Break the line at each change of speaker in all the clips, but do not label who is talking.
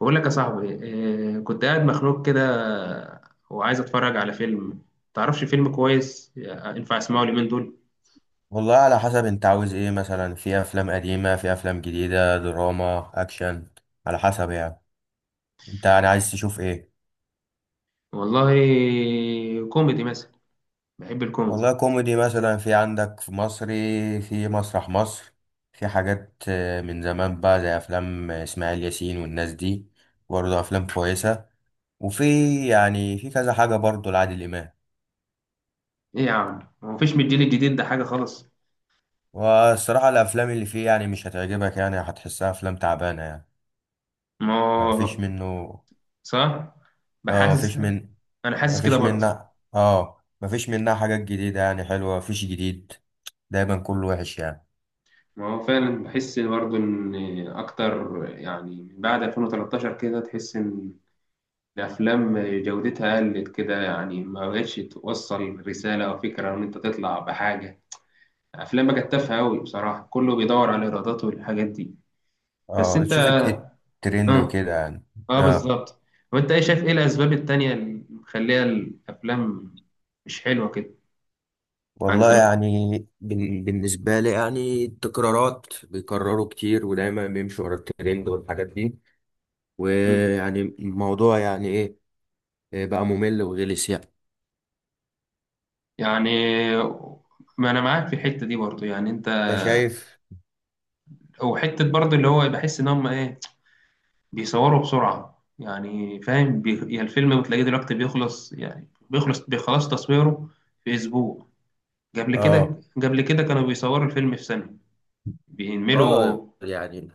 بقول لك يا صاحبي، كنت قاعد مخنوق كده وعايز اتفرج على فيلم. تعرفش فيلم كويس ينفع اسمعه اليومين دول؟
والله، على حسب انت عاوز ايه. مثلا في افلام قديمة، في افلام جديدة، دراما، اكشن. على حسب يعني. انت يعني عايز تشوف ايه؟
والله، كوميدي مثلا. بحب الكوميدي.
والله كوميدي مثلا، في عندك في مصري، في مسرح مصر، في حاجات من زمان بقى، زي افلام اسماعيل ياسين والناس دي، برضه افلام كويسة. وفي، يعني في كذا حاجة برضه لعادل امام.
ايه يا عم، هو مفيش من الجيل الجديد ده حاجه خالص؟
والصراحة الافلام اللي فيه يعني مش هتعجبك، يعني هتحسها افلام تعبانة يعني.
ما
مفيش
هو-
منه
صح.
اه
بحاسس.
مفيش من
انا حاسس كده
مفيش
برضه.
منها اه مفيش منها حاجات جديدة يعني حلوة، مفيش جديد. دايما كله وحش يعني.
ما هو فعلا بحس برضه ان اكتر، يعني من بعد 2013 كده تحس ان الافلام جودتها قلت كده، يعني ما بقتش توصل رساله او فكره ان انت تطلع بحاجه. افلام بقى تافهه قوي بصراحه، كله بيدور على الايرادات والحاجات دي. بس
اه،
انت،
تشوف الترند
اه،
وكده يعني.
اه
اه.
بالظبط. وانت ايه، شايف ايه الاسباب التانية اللي مخليها الافلام مش حلوه كده عن
والله
زمان؟
يعني، بالنسبة لي يعني التكرارات بيكرروا كتير، ودايما بيمشوا ورا الترند والحاجات دي.
مم.
ويعني الموضوع يعني ايه، إيه بقى ممل وغلس يعني.
يعني ما انا معاك في الحته دي برضو. يعني انت،
انت شايف؟
وحته برضو اللي هو بحس ان هم ايه، بيصوروا بسرعه. يعني فاهم، يعني الفيلم بتلاقيه دلوقتي بيخلص، يعني بيخلص تصويره في اسبوع. قبل كده
اه،
قبل كده كانوا بيصوروا الفيلم في سنه.
اه
بينملوا.
يعني.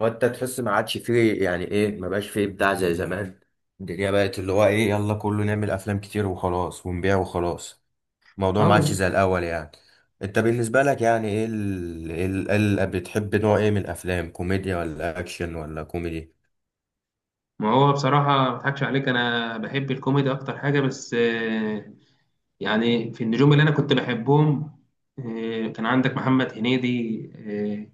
وانت تحس ما عادش فيه، يعني ايه، ما بقاش فيه ابداع زي زمان. الدنيا بقت اللي هو ايه، يلا كله نعمل افلام كتير وخلاص ونبيع وخلاص. الموضوع ما عادش
اه.
زي الاول يعني. انت بالنسبة لك يعني ايه، بتحب نوع ايه من الافلام، كوميديا ولا اكشن ولا كوميدي؟
ما هو بصراحة ما اضحكش عليك، أنا بحب الكوميدي أكتر حاجة. بس يعني في النجوم اللي أنا كنت بحبهم. كان عندك محمد هنيدي،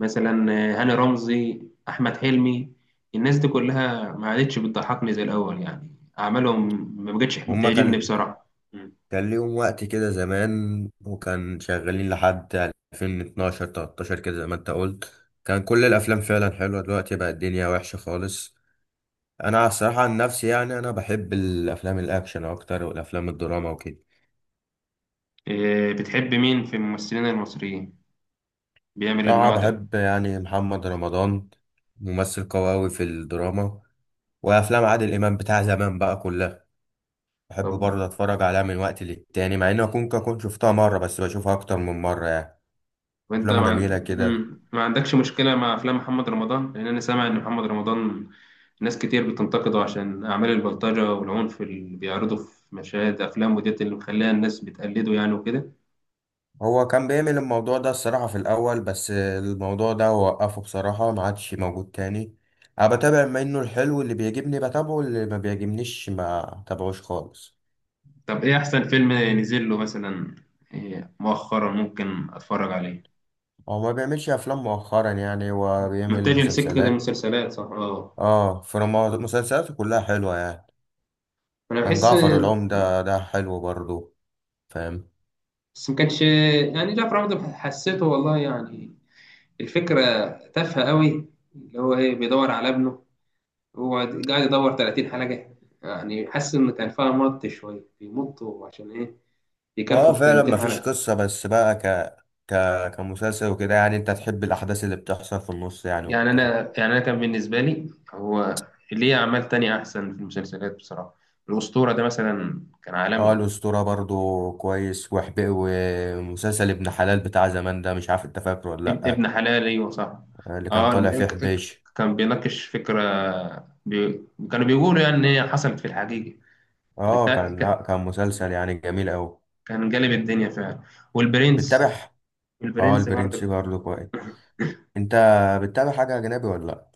مثلا، هاني رمزي، أحمد حلمي. الناس دي كلها ما عادتش بتضحكني زي الأول، يعني أعمالهم ما بقتش
هما
بتعجبني
كان
بصراحة. م.
كان ليهم وقت كده زمان، وكان شغالين لحد 2012 13 كده زي ما انت قلت. كان كل الافلام فعلا حلوة، دلوقتي بقى الدنيا وحشة خالص. انا الصراحه عن نفسي يعني، انا بحب الافلام الاكشن اكتر والافلام الدراما وكده.
بتحب مين في الممثلين المصريين بيعمل
صراحه
النوع ده؟
بحب يعني محمد رمضان، ممثل قوي أوي في الدراما. وافلام عادل امام بتاع زمان بقى كلها بحب
طب،
برضه اتفرج عليها من وقت للتاني، مع اني اكون كنت شفتها مره، بس بشوفها اكتر من مره يعني.
وأنت
افلامه
ما, عن-
جميله كده.
م، ما عندكش مشكلة مع أفلام محمد رمضان؟ لأن أنا سامع إن محمد رمضان ناس كتير بتنتقده عشان أعمال البلطجة والعنف اللي بيعرضوا في مشاهد أفلام وديت اللي مخليها الناس بتقلده، يعني وكده.
هو كان بيعمل الموضوع ده الصراحه في الاول، بس الموضوع ده وقفه بصراحه، ما عادش موجود تاني. انا بتابع منه الحلو اللي بيعجبني بتابعه، اللي ما بيعجبنيش ما تابعوش خالص.
طب إيه أحسن فيلم نزل له مثلا؟ إيه مؤخرا ممكن أتفرج عليه؟
هو ما بيعملش افلام مؤخرا يعني، هو بيعمل
متجه لسكة
مسلسلات.
المسلسلات، صح، اه.
اه، فما مسلسلاته كلها حلوه يعني.
أنا
كان
بحس،
جعفر العمدة ده حلو برضو، فاهم؟
بس ما كانش، يعني جعفر عمده حسيته والله، يعني الفكرة تافهة قوي. اللي هو إيه، بيدور على ابنه. هو قاعد يدور 30 حلقة، يعني حاسس إن كان فيها مط، شوية بيمطوا عشان إيه،
اه،
يكفوا ال
فعلا ما
30
فيش
حلقة.
قصه، بس بقى ك ك كمسلسل وكده يعني. انت تحب الاحداث اللي بتحصل في النص يعني
يعني
وكده.
انا، يعني انا كان بالنسبه لي هو، ليه اعمال تانية احسن في المسلسلات بصراحه. الاسطوره ده مثلا كان
اه،
عالمي.
الاسطوره برضو كويس وحبي. ومسلسل ابن حلال بتاع زمان ده، مش عارف انت فاكره ولا لا؟
ابن حلال، وصح.
اللي كان
اه،
طالع فيه حبيش.
كان بيناقش فكره، بي... كانوا بيقولوا يعني ان هي حصلت في الحقيقه.
اه،
ده
كان لا،
ك-
كان مسلسل يعني جميل قوي.
كان جالب الدنيا فعلا. والبرنس،
بتتابع؟ اه،
البرنس
البرنس
برضه.
برضو كويس. انت بتتابع حاجة أجنبي ولا لأ؟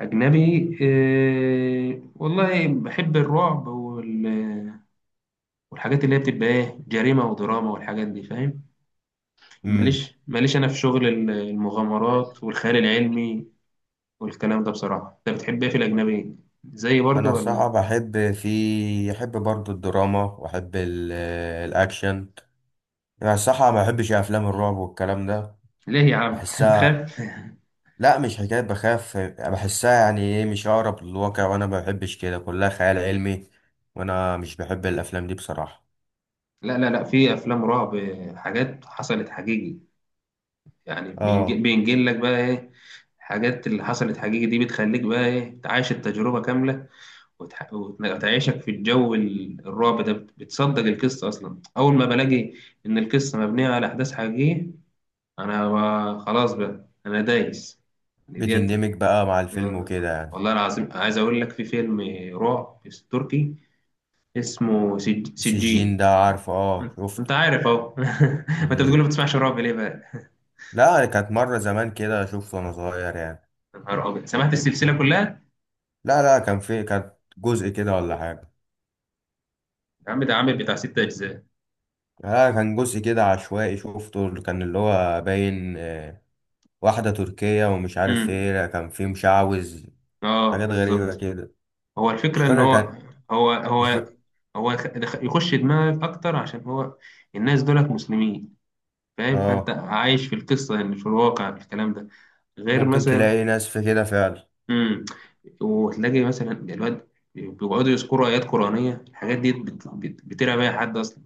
اجنبي إيه... والله بحب الرعب وال... والحاجات اللي هي بتبقى ايه، جريمه ودراما والحاجات دي، فاهم.
امم.
ماليش، ماليش انا في شغل المغامرات والخيال العلمي والكلام ده بصراحه. انت بتحب ايه في الاجنبي، زي برضه
أنا الصراحة
ولا؟
بحب، في أحب برضو الدراما، وأحب الأكشن. أنا الصراحة ما بحبش أفلام الرعب والكلام ده،
ليه يا عم؟ انت
بحسها.
بتخاف؟
لأ، مش حكاية بخاف، بحسها يعني إيه، مش أقرب للواقع، وأنا ما بحبش كده، كلها خيال علمي. وأنا مش بحب الأفلام دي بصراحة.
لا لا لا، في افلام رعب حاجات حصلت حقيقي. يعني
آه،
بينجل لك بقى ايه، الحاجات اللي حصلت حقيقي دي بتخليك بقى ايه، تعيش التجربه كامله وتعيشك في الجو الرعب ده. بتصدق القصه اصلا، اول ما بلاقي ان القصه مبنيه على احداث حقيقيه، انا خلاص بقى، انا دايس يعني ديت.
بتندمج بقى مع الفيلم
آه.
وكده يعني.
والله العظيم عايز اقول لك في فيلم رعب تركي اسمه
السجين
سجين.
ده عارفه، آه شفته.
انت عارف اهو. ما انت بتقول
مم.
ما بتسمعش رعب، ليه بقى؟
لأ، كانت مرة زمان كده شفته وأنا صغير يعني.
يا نهار ابيض، سمعت السلسله كلها؟
لا، لا، كان في، كانت جزء كده ولا حاجة.
يا عم ده عامل بتاع ست اجزاء.
لا، كان جزء كده عشوائي شفته، اللي هو باين، واحدة تركية ومش عارف ايه.
امم،
لا، كان في مشعوذ،
اه
حاجات غريبة
بالظبط.
كده.
هو
مش
الفكره ان
فاكر كان
هو
مش
هو
فاكر.
هو يخش دماغك اكتر، عشان هو الناس دولت مسلمين فاهم، فانت
اه،
عايش في القصه، يعني في الواقع في الكلام ده. غير
ممكن تلاقي
مثلا،
ناس في كده فعلا.
امم، وتلاقي مثلا الواد بيقعدوا يذكروا ايات قرانيه. الحاجات دي بترعب اي حد اصلا.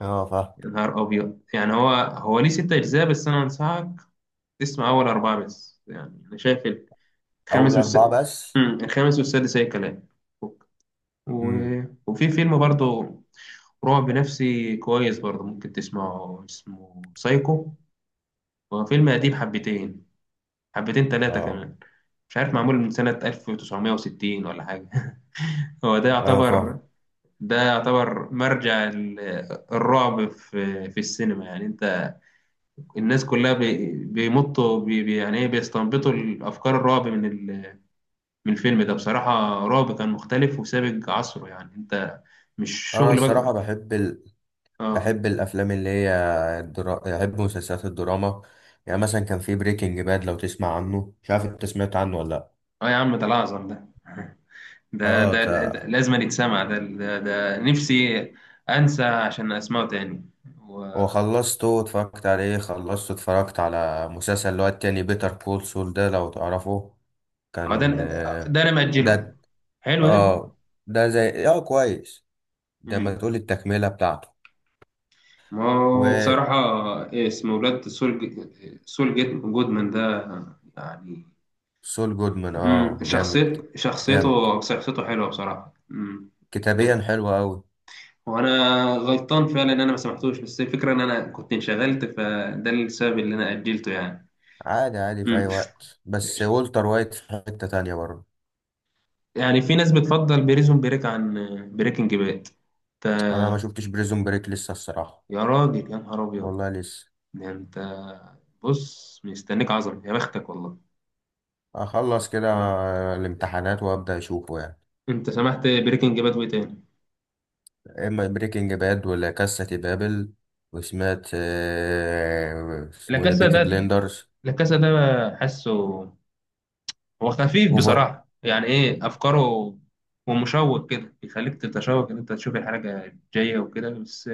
اه، فاهم.
يا نهار ابيض، يعني هو هو ليه ست اجزاء، بس انا انصحك تسمع اول اربعه بس. يعني انا شايف الخامس
أول
والس...
أربعة بس.
امم، الخامس والسادس اي كلام. و...
امم.
وفي فيلم برضه رعب نفسي كويس برضه ممكن تسمعه، اسمه سايكو. هو فيلم قديم حبتين، حبتين ثلاثه
اه،
كمان. مش عارف معمول من سنه 1960 ولا حاجه. هو ده
اه فاهم.
يعتبر، ده يعتبر مرجع الرعب في في السينما. يعني انت، الناس كلها بيمطوا يعني ايه، بيستنبطوا الافكار الرعب من من الفيلم ده بصراحة. رعب كان مختلف وسابق عصره. يعني انت مش
أنا
شغل
الصراحة
بقى، اه.
بحب الأفلام اللي هي بحب مسلسلات الدراما. يعني مثلا كان في بريكنج باد، لو تسمع عنه، مش عارف انت سمعت عنه ولا لأ.
اه يا عم، ده الاعظم ده. ده
اه،
ده, ده, ده لازم يتسمع. ده نفسي انسى عشان اسمعه تاني. و-،
وخلصته واتفرجت عليه خلصته اتفرجت على مسلسل اللي هو التاني، بيتر كول سول، ده لو تعرفه
اه ده،
كان
ده انا مأجله.
ده
حلو ده.
اه ده زي كويس. ده ما
مم.
تقول التكملة بتاعته.
ما هو
وسول
بصراحة، إيه اسمه، ولاد سول، سول جيت جودمان ده يعني.
جودمان. اه، جامد.
شخصيت
جامد
شخصيته شخصيته حلوة بصراحة. مم. ب...
كتابيا حلو قوي.
وأنا غلطان فعلا إن أنا ما سمحتوش، بس الفكرة إن أنا كنت انشغلت فده السبب اللي أنا أجلته يعني.
عادي عادي في
مم.
اي وقت، بس والتر وايت في حتة تانية برضه.
يعني في ناس بتفضل بريزون بريك عن بريكنج باد.
انا ما
أنت،
شفتش بريزون بريك لسه الصراحة.
يا راجل يا نهار أبيض.
والله لسه،
ده أنت، بص مستنيك عظمة، يا بختك والله.
اخلص كده الامتحانات وابدا اشوفه يعني.
انت سمحت بريكنج باد وايه تاني؟
اما بريكنج باد، ولا كاسة دي بابل. وسمعت
لا
اسمه إيه ده،
كاسا
بيكي
ده،
بليندرز.
لا كاسا ده حاسه هو خفيف
اوفر.
بصراحة. يعني ايه، افكاره ومشوق كده، بيخليك تتشوق ان انت تشوف الحاجة الجاية وكده. بس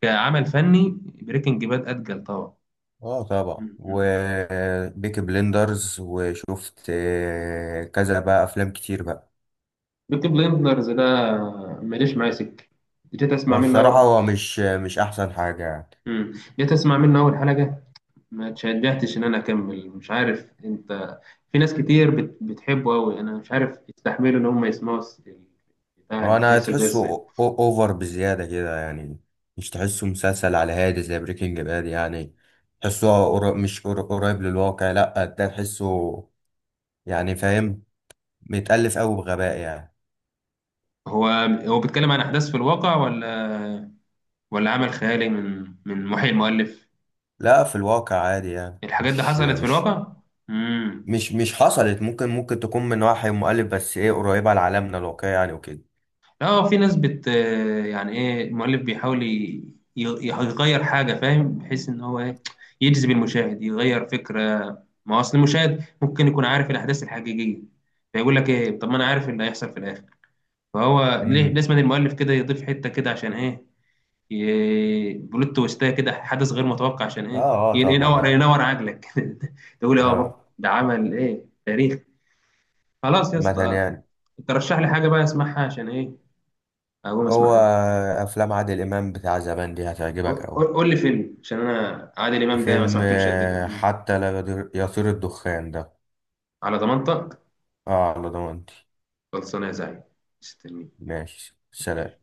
كعمل فني بريكنج باد اتقل طبعا.
اه طبعا.
مم.
وبيكي بليندرز وشفت كذا بقى افلام كتير بقى.
بيكي بليندرز ده ماليش معايا سكه. جيت اسمع منه
والصراحة
أول-،
هو مش احسن حاجة يعني.
مم. جيت اسمع منه اول حلقه، ما اتشجعتش ان انا اكمل. مش عارف انت، في ناس كتير بتحبه قوي. انا مش عارف يستحملوا ان هم يسمعوا بتاع
هو، انا
المسلسل ده
تحسه
ازاي.
اوفر بزيادة كده يعني. مش تحسه مسلسل على هادي زي بريكنج باد يعني. تحسه قر- مش قر- قريب للواقع، لا ده تحسه يعني، فاهم، متألف أوي بغباء يعني.
هو هو بيتكلم عن احداث في الواقع، ولا ولا عمل خيالي من محي المؤلف؟
لا، في الواقع عادي يعني،
الحاجات دي
مش
حصلت في
مش
الواقع؟ امم،
مش مش حصلت. ممكن تكون من وحي مؤلف، بس ايه قريبة لعالمنا الواقعي يعني وكده.
اه. في ناس يعني ايه، المؤلف بيحاول يغير حاجه، فاهم؟ بحيث ان هو ايه، يجذب المشاهد، يغير فكره. ما هو اصل المشاهد ممكن يكون عارف الاحداث الحقيقيه، فيقول لك ايه، طب ما انا عارف إيه اللي هيحصل في الاخر. فهو ليه
امم.
لازم المؤلف كده يضيف حته كده، عشان ايه، بلوت تويستايه كده، حدث غير متوقع، عشان
اه.
ايه،
اه طبعا.
ينور
اه.
ينور عقلك. تقول إيه، اه
اه
بابا ده عمل ايه، تاريخ. خلاص يا
مثلا
اسطى.
يعني.
ترشح لي حاجه بقى اسمعها، عشان ايه، اقوم
هو
اسمعها.
افلام عادل امام بتاع زمان دي
قول
هتعجبك اوي.
قول لي فيلم، عشان انا عادل امام ده ما
فيلم
سمعتلوش قد كده.
حتى لا يطير الدخان ده.
على ضمانتك.
اه، على ضمانتي.
خلصانه يا زعيم، مستنيك.
ماشي، سلام.